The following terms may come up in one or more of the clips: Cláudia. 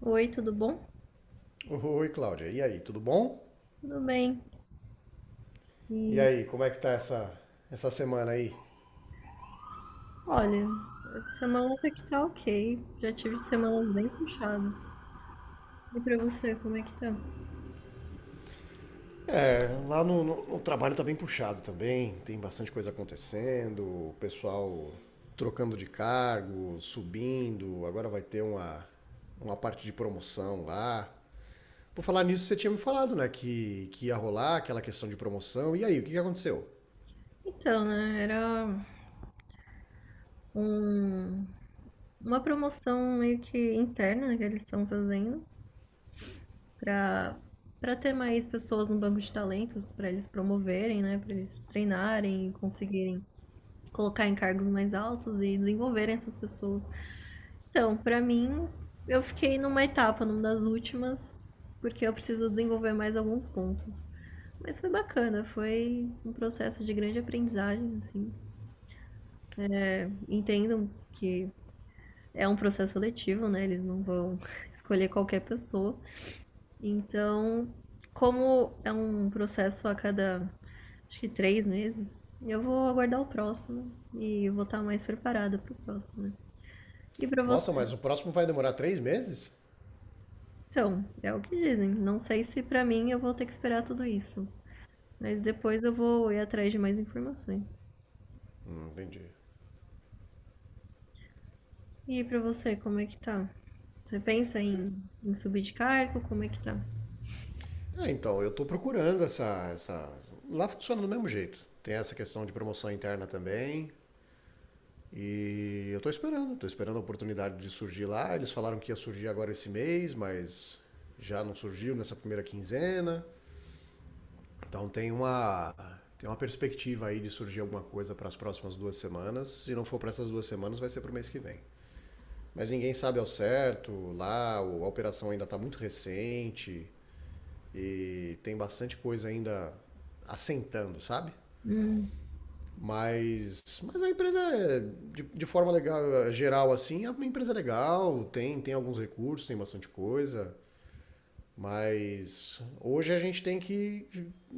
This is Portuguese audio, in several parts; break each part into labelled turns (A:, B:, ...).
A: Oi, tudo bom?
B: Oi, Cláudia. E aí, tudo bom?
A: Tudo bem.
B: E
A: E
B: aí, como é que tá essa semana aí?
A: olha, essa semana até que tá ok. Já tive semanas bem puxadas. E pra você, como é que tá?
B: É, lá no trabalho tá bem puxado também, tem bastante coisa acontecendo, o pessoal trocando de cargo, subindo, agora vai ter uma parte de promoção lá. Por falar nisso, você tinha me falado, né, que ia rolar aquela questão de promoção. E aí, o que que aconteceu?
A: Era um, uma promoção meio que interna, né, que eles estão fazendo pra para ter mais pessoas no banco de talentos, pra eles promoverem, né. Pra eles treinarem e conseguirem colocar em cargos mais altos e desenvolverem essas pessoas. Então, pra mim, eu fiquei numa etapa, numa das últimas, porque eu preciso desenvolver mais alguns pontos. Mas foi bacana, foi um processo de grande aprendizagem, assim. Entendo que é um processo seletivo, né? Eles não vão escolher qualquer pessoa. Então, como é um processo a cada, acho que 3 meses, eu vou aguardar o próximo e eu vou estar mais preparada para o próximo, né? E para você.
B: Nossa, mas o próximo vai demorar 3 meses?
A: Então, é o que dizem. Não sei se pra mim eu vou ter que esperar tudo isso. Mas depois eu vou ir atrás de mais informações.
B: Entendi.
A: E pra você, como é que tá? Você pensa em, em subir de cargo? Como é que tá?
B: É, então, eu estou procurando essa. Lá funciona do mesmo jeito. Tem essa questão de promoção interna também. E eu estou esperando a oportunidade de surgir lá. Eles falaram que ia surgir agora esse mês, mas já não surgiu nessa primeira quinzena. Então tem uma perspectiva aí de surgir alguma coisa para as próximas 2 semanas. Se não for para essas 2 semanas, vai ser para o mês que vem. Mas ninguém sabe ao certo. Lá a operação ainda está muito recente. E tem bastante coisa ainda assentando, sabe?
A: Hum.
B: Mas a empresa, é, de forma legal, geral, assim, é uma empresa legal, tem alguns recursos, tem bastante coisa. Mas hoje a gente tem que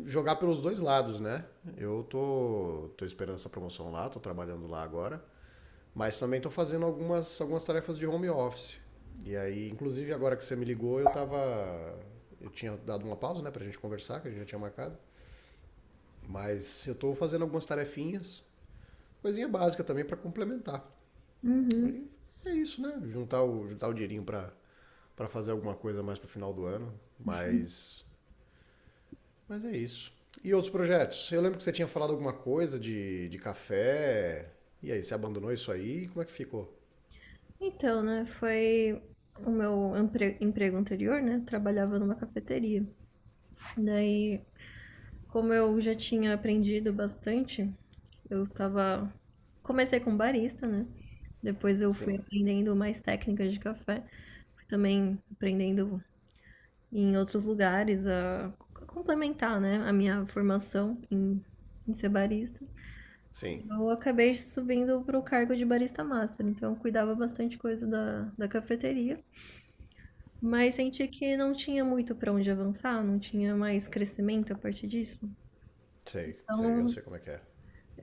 B: jogar pelos dois lados, né? Eu tô esperando essa promoção lá, tô trabalhando lá agora, mas também tô fazendo algumas tarefas de home office. E aí, inclusive agora que você me ligou, eu tava. Eu tinha dado uma pausa, né, pra gente conversar, que a gente já tinha marcado. Mas eu estou fazendo algumas tarefinhas, coisinha básica também para complementar.
A: Uhum.
B: Aí é isso, né? Juntar o dinheirinho para fazer alguma coisa mais pro final do ano, mas é isso. E outros projetos? Eu lembro que você tinha falado alguma coisa de café. E aí, você abandonou isso aí? Como é que ficou?
A: Então, né? Foi o emprego anterior, né? Trabalhava numa cafeteria. Daí, como eu já tinha aprendido bastante. Eu estava. Comecei com barista, né? Depois eu fui
B: Sim,
A: aprendendo mais técnicas de café. Fui também aprendendo em outros lugares a complementar, né? A minha formação em, em ser barista.
B: sim,
A: Eu acabei subindo para o cargo de barista master, então eu cuidava bastante coisa da cafeteria. Mas senti que não tinha muito para onde avançar, não tinha mais crescimento a partir disso.
B: sei, sei, eu
A: Então
B: sei como é que é.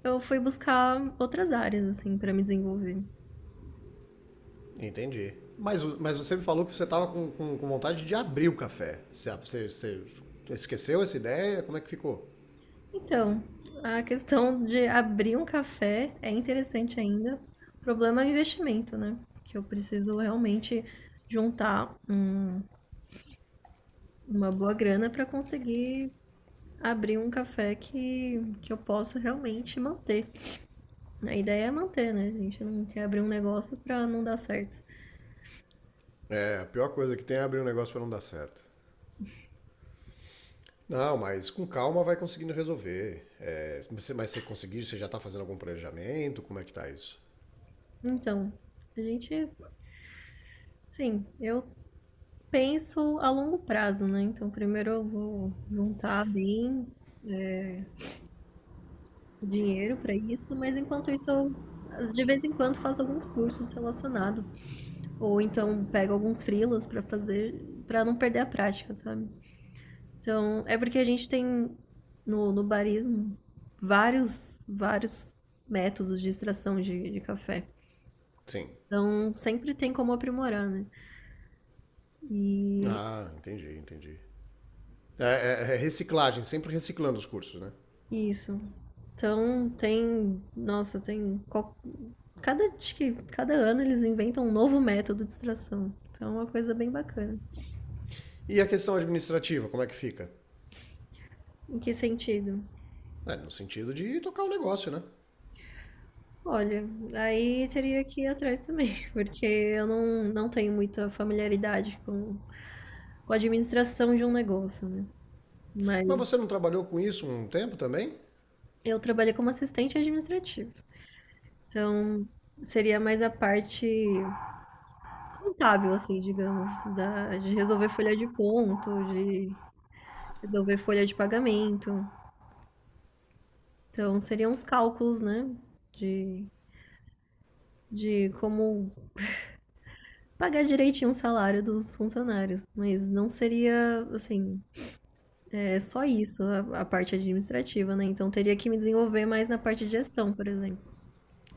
A: eu fui buscar outras áreas, assim, para me desenvolver.
B: Entendi. Mas você me falou que você tava com vontade de abrir o café. Você esqueceu essa ideia? Como é que ficou?
A: Então, a questão de abrir um café é interessante ainda. O problema é o investimento, né? Que eu preciso realmente juntar uma boa grana para conseguir abrir um café que, eu possa realmente manter. A ideia é manter, né? A gente não quer abrir um negócio para não dar certo.
B: É, a pior coisa que tem é abrir um negócio pra não dar certo. Não, mas com calma vai conseguindo resolver. É, mas você conseguiu, você já tá fazendo algum planejamento? Como é que tá isso?
A: Então, a gente, sim, eu penso a longo prazo, né? Então, primeiro eu vou juntar bem é, dinheiro para isso, mas enquanto isso eu de vez em quando faço alguns cursos relacionados, ou então pego alguns freelas para fazer, para não perder a prática, sabe? Então, é porque a gente tem no barismo vários métodos de extração de café.
B: Sim.
A: Então, sempre tem como aprimorar, né? E
B: Ah, entendi, entendi. É, é reciclagem, sempre reciclando os cursos, né?
A: isso. Então, tem, nossa, tem cada, acho que cada ano eles inventam um novo método de extração. Então é uma coisa bem bacana.
B: E a questão administrativa, como é que fica?
A: Em que sentido?
B: É, no sentido de tocar o negócio, né?
A: Olha, aí teria que ir atrás também, porque eu não tenho muita familiaridade com a administração de um negócio, né? Mas
B: Mas você não trabalhou com isso um tempo também?
A: eu trabalhei como assistente administrativo. Então, seria mais a parte contábil, assim, digamos, de resolver folha de ponto, de resolver folha de pagamento. Então, seriam os cálculos, né? De, de como pagar direitinho o salário dos funcionários, mas não seria assim. É só isso, a parte administrativa, né? Então teria que me desenvolver mais na parte de gestão, por exemplo.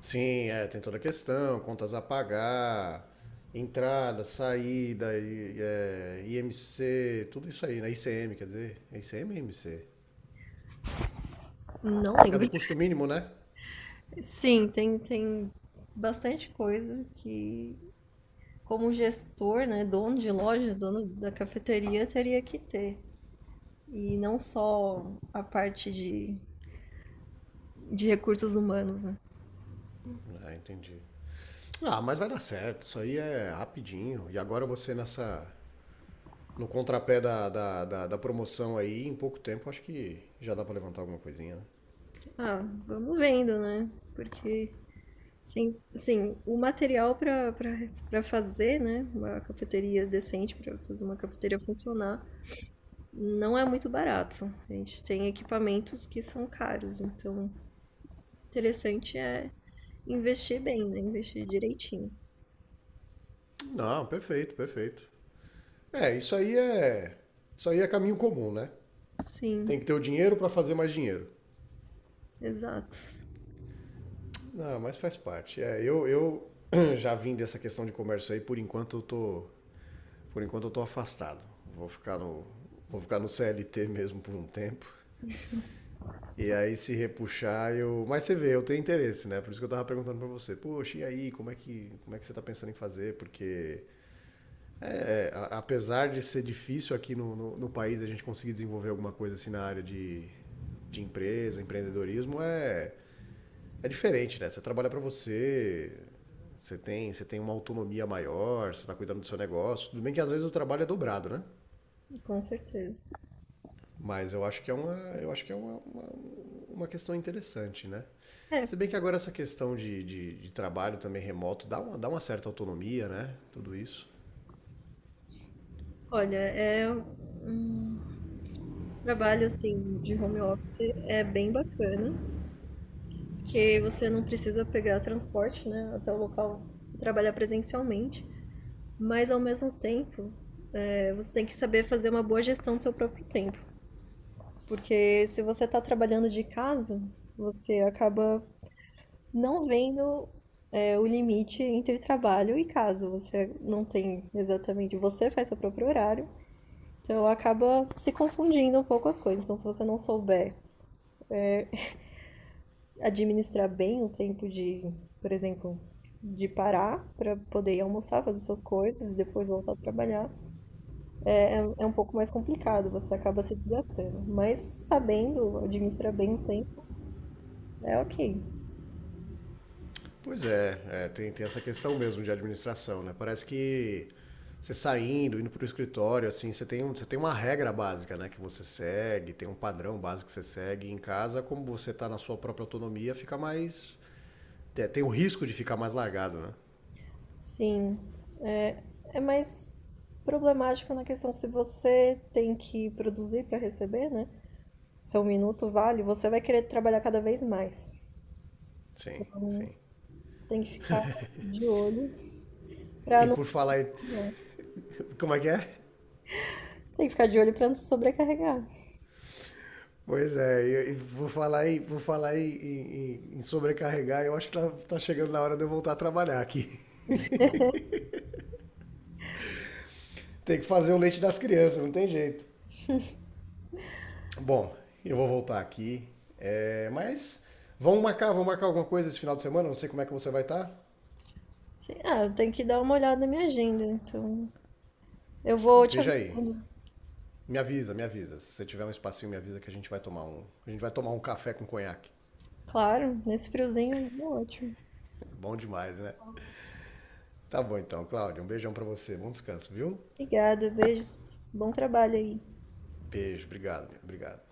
B: Sim, é, tem toda a questão, contas a pagar, entrada, saída, é, IMC, tudo isso aí, né? ICM, quer dizer, é ICM e IMC.
A: Não
B: É
A: lembro.
B: do custo mínimo, né?
A: Sim, tem, tem bastante coisa que, como gestor, né, dono de loja, dono da cafeteria, teria que ter. E não só a parte de recursos humanos, né?
B: Ah, entendi. Ah, mas vai dar certo, isso aí é rapidinho. E agora você nessa, no contrapé da promoção aí, em pouco tempo, acho que já dá pra levantar alguma coisinha, né?
A: Ah, vamos vendo, né? Porque sim, sim, o material para fazer, né, uma cafeteria decente, para fazer uma cafeteria funcionar, não é muito barato. A gente tem equipamentos que são caros, então o interessante é investir bem, né? Investir direitinho.
B: Não, perfeito, perfeito. É, isso aí é caminho comum, né?
A: Sim,
B: Tem que ter o dinheiro pra fazer mais dinheiro.
A: exato.
B: Não, mas faz parte. É, eu já vim dessa questão de comércio aí, por enquanto eu tô afastado. Vou ficar no, vou ficar no CLT mesmo por um tempo. E aí se repuxar, mas você vê, eu tenho interesse, né? Por isso que eu tava perguntando para você. Poxa, e aí, como é que você tá pensando em fazer? Porque é, apesar de ser difícil aqui no país a gente conseguir desenvolver alguma coisa assim na área de empresa, empreendedorismo É diferente, né? Você trabalha para você, você tem uma autonomia maior, você está cuidando do seu negócio. Tudo bem que às vezes o trabalho é dobrado, né?
A: Com certeza.
B: Mas eu acho que é uma questão interessante, né?
A: É,
B: Se bem que agora essa questão de trabalho também remoto dá uma certa autonomia, né? Tudo isso.
A: olha, é um trabalho assim de home office, é bem bacana, porque você não precisa pegar transporte, né, até o local e trabalhar presencialmente. Mas ao mesmo tempo, você tem que saber fazer uma boa gestão do seu próprio tempo. Porque se você está trabalhando de casa, você acaba não vendo o limite entre trabalho e casa. Você não tem exatamente. Você faz seu próprio horário, então acaba se confundindo um pouco as coisas. Então, se você não souber administrar bem o tempo de, por exemplo, de parar para poder ir almoçar, fazer suas coisas e depois voltar a trabalhar, é um pouco mais complicado, você acaba se desgastando. Mas sabendo administrar bem o tempo, é ok.
B: Pois é, tem essa questão mesmo de administração, né? Parece que você saindo, indo para o escritório, assim, você tem uma regra básica, né? Que você segue, tem um padrão básico que você segue. Em casa, como você está na sua própria autonomia, fica mais. Tem o risco de ficar mais largado, né?
A: Sim, é, é mais problemático na questão se você tem que produzir para receber, né? Se seu minuto vale, você vai querer trabalhar cada vez mais.
B: Sim, sim.
A: Tem que ficar de olho para
B: E
A: não
B: por
A: se
B: falar em...
A: sobrecarregar.
B: Como é que é?
A: Tem que ficar de olho para não se sobrecarregar.
B: Pois é, vou falar em sobrecarregar, eu acho que tá chegando na hora de eu voltar a trabalhar aqui. Tem que fazer o leite das crianças, não tem jeito. Bom, eu vou voltar aqui. É, mas vamos marcar alguma coisa esse final de semana. Não sei como é que você vai estar.
A: Sim, ah, eu tenho que dar uma olhada na minha agenda, então eu vou te
B: Veja aí.
A: avisando.
B: Me avisa, me avisa. Se você tiver um espacinho, me avisa que a gente vai tomar um café com conhaque.
A: Claro, nesse friozinho aí é ótimo.
B: Bom demais, né? Tá bom então, Cláudio. Um beijão pra você. Bom descanso, viu?
A: Obrigada, beijos. Bom trabalho aí.
B: Beijo, obrigado, obrigado.